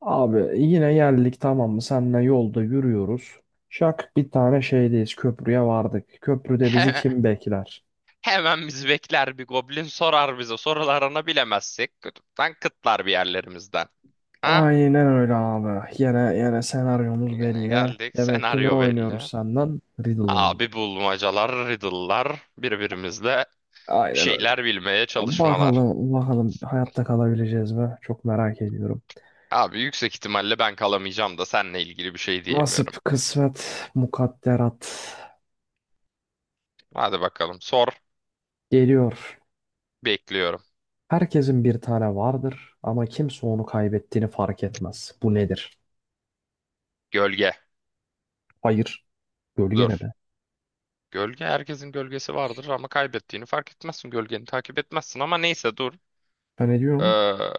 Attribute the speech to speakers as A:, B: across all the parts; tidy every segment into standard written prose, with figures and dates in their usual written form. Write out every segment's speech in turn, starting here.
A: Abi yine geldik tamam mı? Seninle yolda yürüyoruz. Şak bir tane şeydeyiz. Köprüye vardık. Köprüde bizi
B: He-
A: kim bekler?
B: Hemen bizi bekler bir goblin sorar bize. Sorularını bilemezsek kütükten kıtlar bir yerlerimizden. Ha?
A: Aynen öyle abi. Yine yine senaryomuz
B: Gene
A: belli.
B: geldik.
A: Demek ki ne
B: Senaryo belli.
A: oynuyoruz senden? Riddle
B: Abi
A: oynuyoruz.
B: bulmacalar, riddle'lar, birbirimizle bir
A: Aynen öyle.
B: şeyler bilmeye çalışmalar.
A: Bakalım bakalım hayatta kalabileceğiz mi? Çok merak ediyorum.
B: Abi yüksek ihtimalle ben kalamayacağım da seninle ilgili bir şey
A: Nasip,
B: diyemiyorum.
A: kısmet, mukadderat
B: Hadi bakalım sor.
A: geliyor.
B: Bekliyorum.
A: Herkesin bir tane vardır ama kimse onu kaybettiğini fark etmez. Bu nedir?
B: Gölge.
A: Hayır. Gölge ne
B: Dur.
A: be?
B: Gölge herkesin gölgesi vardır ama kaybettiğini fark etmezsin. Gölgeni takip etmezsin ama neyse dur.
A: Ben ediyorum.
B: Ee,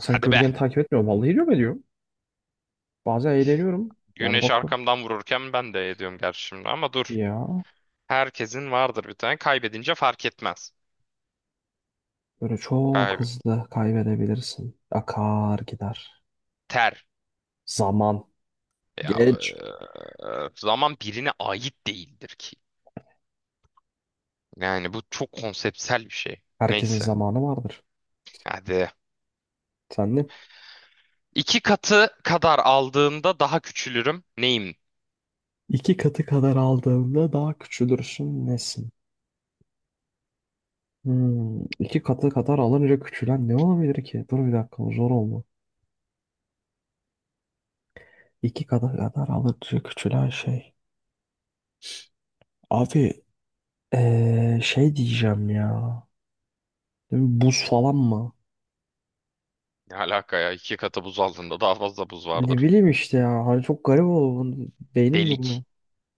A: Sen
B: Hadi be.
A: gölgen takip etmiyor. Vallahi ediyorum ediyorum. Bazen eğleniyorum. Yani
B: Güneş
A: bakıyorum.
B: arkamdan vururken ben de ediyorum gerçi şimdi ama dur.
A: Ya
B: Herkesin vardır bir tane. Kaybedince fark etmez.
A: böyle çok
B: Kayb
A: hızlı kaybedebilirsin. Akar gider.
B: ter.
A: Zaman.
B: Ya
A: Geç.
B: zaman birine ait değildir ki. Yani bu çok konseptsel bir şey.
A: Herkesin
B: Neyse.
A: zamanı vardır.
B: Hadi.
A: Sen de
B: İki katı kadar aldığımda daha küçülürüm. Neyim?
A: iki katı kadar aldığında daha küçülürsün nesin? Hmm, iki katı kadar alınca küçülen ne olabilir ki? Dur bir dakika bu zor oldu. İki katı kadar alınca küçülen şey. Abi şey diyeceğim ya. Değil mi? Buz falan mı?
B: Ne alaka ya? İki katı buz aldığında daha fazla buz
A: Ne
B: vardır.
A: bileyim işte ya. Hani çok garip oldu. Bu beynim
B: Delik.
A: durmuyor.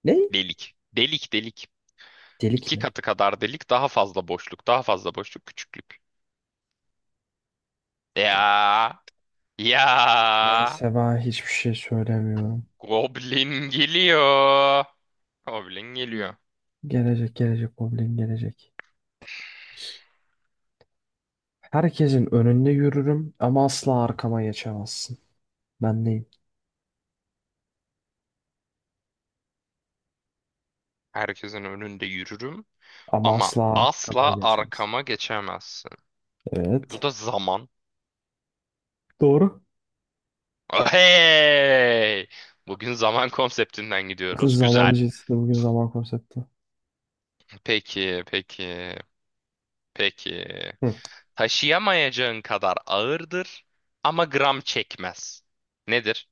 A: Ne?
B: Delik. Delik delik.
A: Delik
B: İki
A: mi?
B: katı kadar delik, daha fazla boşluk, daha fazla boşluk, küçüklük.
A: Ya
B: Ya, ya,
A: neyse ben hiçbir şey söylemiyorum.
B: Goblin geliyor. Goblin geliyor.
A: Gelecek gelecek problem gelecek. Herkesin önünde yürürüm ama asla arkama geçemezsin. Ben neyim?
B: Herkesin önünde yürürüm
A: Ama
B: ama
A: asla arkama
B: asla
A: geçemezsin.
B: arkama geçemezsin. Bu
A: Evet.
B: da zaman.
A: Doğru.
B: Hey! Bugün zaman konseptinden gidiyoruz.
A: Zaman
B: Güzel.
A: işte bugün zaman konsepti.
B: Peki, peki, peki.
A: Hı.
B: Taşıyamayacağın kadar ağırdır ama gram çekmez. Nedir?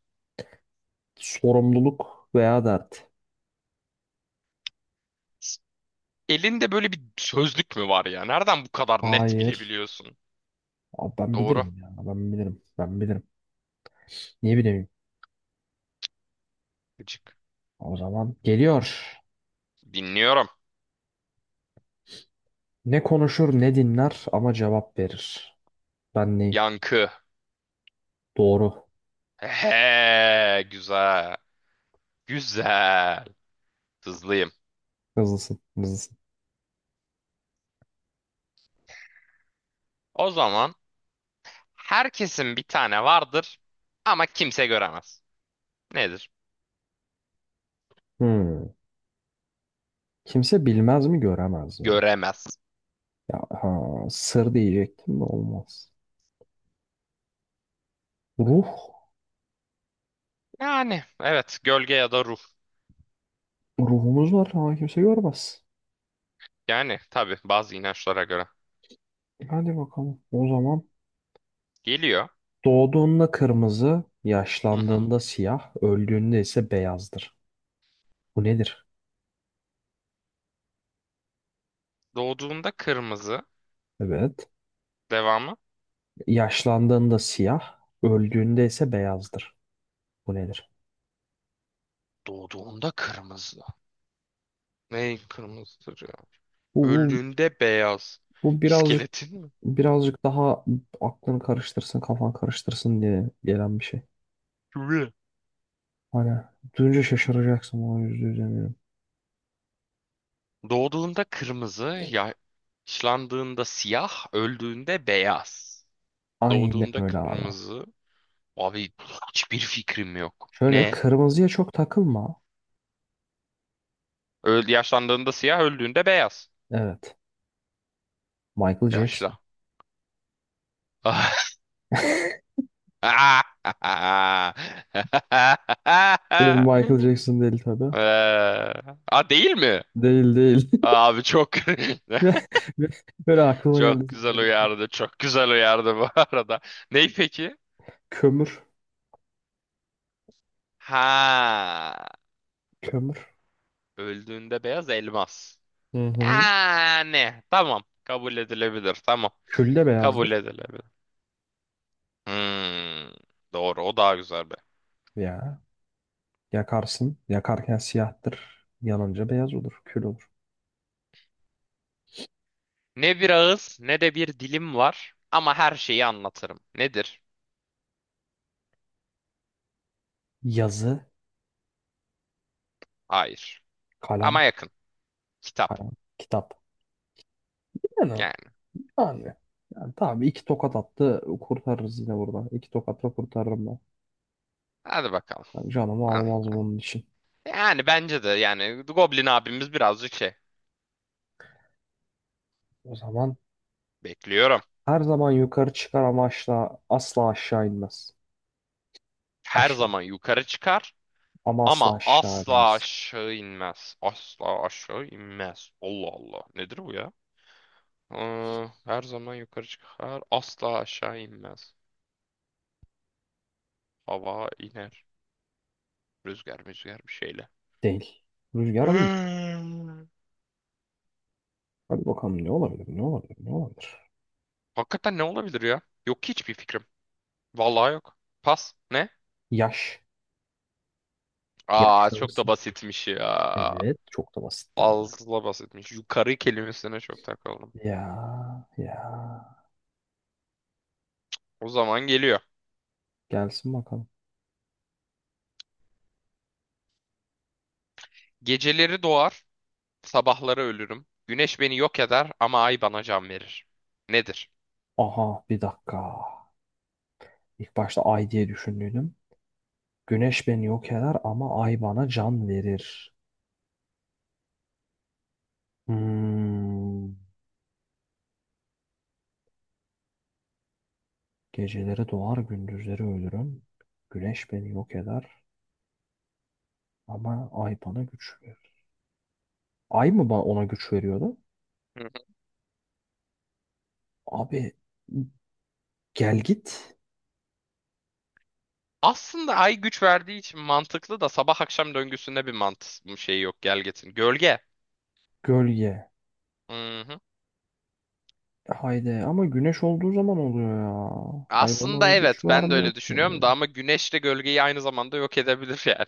A: Sorumluluk veya dert.
B: Elinde böyle bir sözlük mü var ya? Nereden bu kadar net
A: Hayır.
B: bilebiliyorsun?
A: Abi ben
B: Doğru.
A: bilirim ya. Ben bilirim. Ben bilirim. Niye bileyim?
B: Gıcık.
A: O zaman geliyor.
B: Dinliyorum.
A: Ne konuşur ne dinler ama cevap verir. Ben neyim?
B: Yankı.
A: Doğru.
B: He, güzel. Güzel. Hızlıyım.
A: Hızlısın, hızlısın.
B: O zaman herkesin bir tane vardır ama kimse göremez. Nedir?
A: Hmm. Kimse bilmez mi göremez mi?
B: Göremez.
A: Ya ha, sır diyecektim de olmaz. Ruh.
B: Yani evet gölge ya da ruh.
A: Ruhumuz var ama kimse görmez.
B: Yani tabii bazı inançlara göre.
A: Hadi bakalım. O zaman
B: Geliyor.
A: doğduğunda kırmızı,
B: Hı hı.
A: yaşlandığında siyah, öldüğünde ise beyazdır. Bu nedir?
B: Doğduğunda kırmızı.
A: Evet.
B: Devamı.
A: Yaşlandığında siyah, öldüğünde ise beyazdır. Bu nedir?
B: Doğduğunda kırmızı. Ne kırmızı?
A: Bu, bu,
B: Öldüğünde beyaz.
A: bu birazcık
B: İskeletin mi?
A: birazcık daha aklını karıştırsın, kafan karıştırsın diye gelen bir şey.
B: Kıvrı.
A: Hani duyunca şaşıracaksın ona yüzde yüz eminim.
B: Doğduğunda kırmızı, yaşlandığında siyah, öldüğünde beyaz.
A: Aynen
B: Doğduğunda
A: öyle abi.
B: kırmızı. Abi hiçbir fikrim yok.
A: Şöyle
B: Ne?
A: kırmızıya çok takılma.
B: Öl yaşlandığında siyah, öldüğünde beyaz.
A: Evet. Michael Jackson.
B: Yaşla.
A: Değil Michael Jackson değil tabii.
B: Eee, A değil mi?
A: Değil değil.
B: Abi çok
A: ve ve böyle aklıma geldi
B: çok güzel
A: sadece.
B: uyardı. Çok güzel uyardı bu arada. Ney peki?
A: Kömür.
B: Ha,
A: Kömür.
B: öldüğünde beyaz elmas.
A: Hı hı.
B: Yani tamam kabul edilebilir tamam
A: Kül de
B: kabul
A: beyazdır.
B: edilebilir. Hmm, doğru o daha güzel be.
A: Ya. Yakarsın. Yakarken siyahtır. Yanınca beyaz olur. Kül olur.
B: Ne bir ağız ne de bir dilim var ama her şeyi anlatırım. Nedir?
A: Yazı.
B: Hayır. Ama
A: Kalem.
B: yakın. Kitap.
A: Kalem. Kitap. Yani
B: Yani
A: abi. Yani tabii iki tokat attı kurtarırız yine burada. İki tokatla kurtarırım ben.
B: hadi bakalım.
A: Ben canımı
B: Ha,
A: almaz
B: ha.
A: bunun için.
B: Yani bence de yani Goblin abimiz birazcık şey.
A: O zaman
B: Bekliyorum.
A: her zaman yukarı çıkar ama asla, asla aşağı inmez.
B: Her
A: Aşağı.
B: zaman yukarı çıkar.
A: Ama asla
B: Ama
A: aşağı
B: asla
A: inmez.
B: aşağı inmez. Asla aşağı inmez. Allah Allah. Nedir bu ya? Her zaman yukarı çıkar. Asla aşağı inmez. Hava iner. Rüzgar bir şeyle.
A: Değil. Rüzgar değil.
B: Hmm.
A: Hadi bakalım ne olabilir, ne olabilir, ne olabilir.
B: Hakikaten ne olabilir ya? Yok ki hiçbir fikrim. Vallahi yok. Pas. Ne?
A: Yaş.
B: Aa çok da
A: Yaşlanırsın.
B: basitmiş ya.
A: Evet. Çok da basit hem de.
B: Fazla basitmiş. Yukarı kelimesine çok takıldım.
A: Ya, ya.
B: O zaman geliyor.
A: Gelsin bakalım.
B: Geceleri doğar. Sabahları ölürüm. Güneş beni yok eder ama ay bana can verir. Nedir?
A: Aha bir dakika. İlk başta ay diye düşündüydüm. Güneş beni yok eder ama ay bana can verir. Hmm. Geceleri doğar gündüzleri ölürüm. Güneş beni yok eder ama ay bana güç verir. Ay mı bana ona güç veriyordu?
B: Hı hı.
A: Abi gel git
B: Aslında ay güç verdiği için mantıklı da sabah akşam döngüsünde bir mantık şey yok gelgetin. Gölge.
A: gölge.
B: Hı hı.
A: Haydi ama güneş olduğu zaman oluyor ya. Ay bana
B: Aslında
A: bir güç
B: evet ben de
A: vermiyor
B: öyle
A: ki.
B: düşünüyorum da ama güneş de gölgeyi aynı zamanda yok edebilir yani.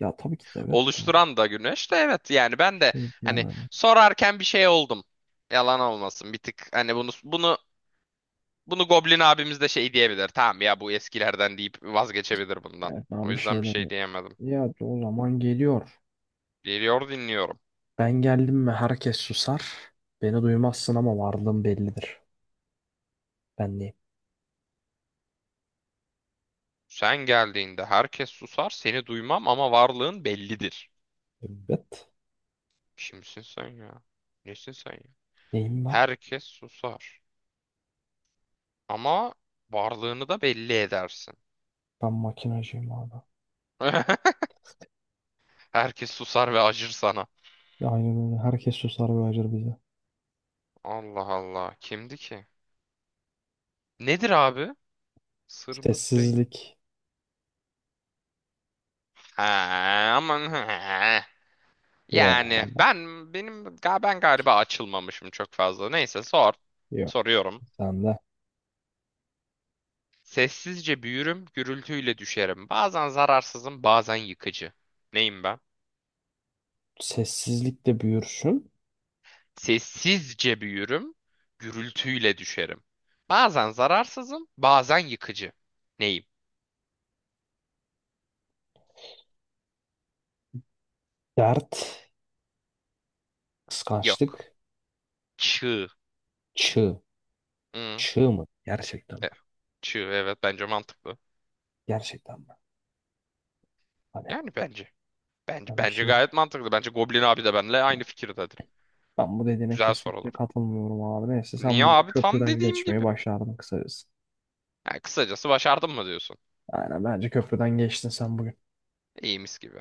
A: Ya tabii ki de evet de.
B: Oluşturan da güneş de evet yani
A: Bir
B: ben de
A: şey
B: hani
A: diyemedim.
B: sorarken bir şey oldum. Yalan olmasın bir tık hani bunu Goblin abimiz de şey diyebilir. Tamam ya bu eskilerden deyip vazgeçebilir bundan.
A: Evet,
B: O
A: ben bir şey
B: yüzden bir
A: demiyorum.
B: şey diyemedim.
A: Ya o zaman geliyor.
B: Geliyor dinliyorum.
A: Ben geldim mi herkes susar. Beni duymazsın ama varlığım bellidir. Ben neyim?
B: Sen geldiğinde herkes susar, seni duymam ama varlığın bellidir.
A: Evet.
B: Kimsin sen ya? Nesin sen ya?
A: Neyim ben?
B: Herkes susar ama varlığını da belli edersin.
A: Ben makinacıyım abi.
B: Herkes susar ve acır sana.
A: Aynen öyle. Herkes susar ve acır bize.
B: Allah Allah. Kimdi ki? Nedir abi? Sır mır değil.
A: Sessizlik.
B: Ha, aman he.
A: Yeah,
B: Yani ben galiba açılmamışım çok fazla. Neyse sor.
A: yok.
B: Soruyorum.
A: Sen de.
B: Sessizce büyürüm, gürültüyle düşerim. Bazen zararsızım, bazen yıkıcı. Neyim ben?
A: Sessizlik de büyürsün.
B: Sessizce büyürüm, gürültüyle düşerim. Bazen zararsızım, bazen yıkıcı. Neyim?
A: Dert.
B: Yok.
A: Kıskançlık.
B: Çığ.
A: Çığ.
B: Hı.
A: Çığ mı? Gerçekten
B: e,
A: mi?
B: Çığ evet bence mantıklı.
A: Gerçekten mi? Hani
B: Yani bence. Bence
A: ben bir
B: bence
A: şey...
B: gayet mantıklı. Bence Goblin abi de benimle aynı fikirdedir.
A: Ben bu dediğine
B: Güzel
A: kesinlikle
B: sorulur.
A: katılmıyorum abi. Neyse sen
B: Niye
A: bugün
B: abi? Tam
A: köprüden
B: dediğim
A: geçmeyi
B: gibi.
A: başardın kısacası.
B: Yani kısacası başardım mı diyorsun?
A: Aynen bence köprüden geçtin sen bugün.
B: İyi mis gibi.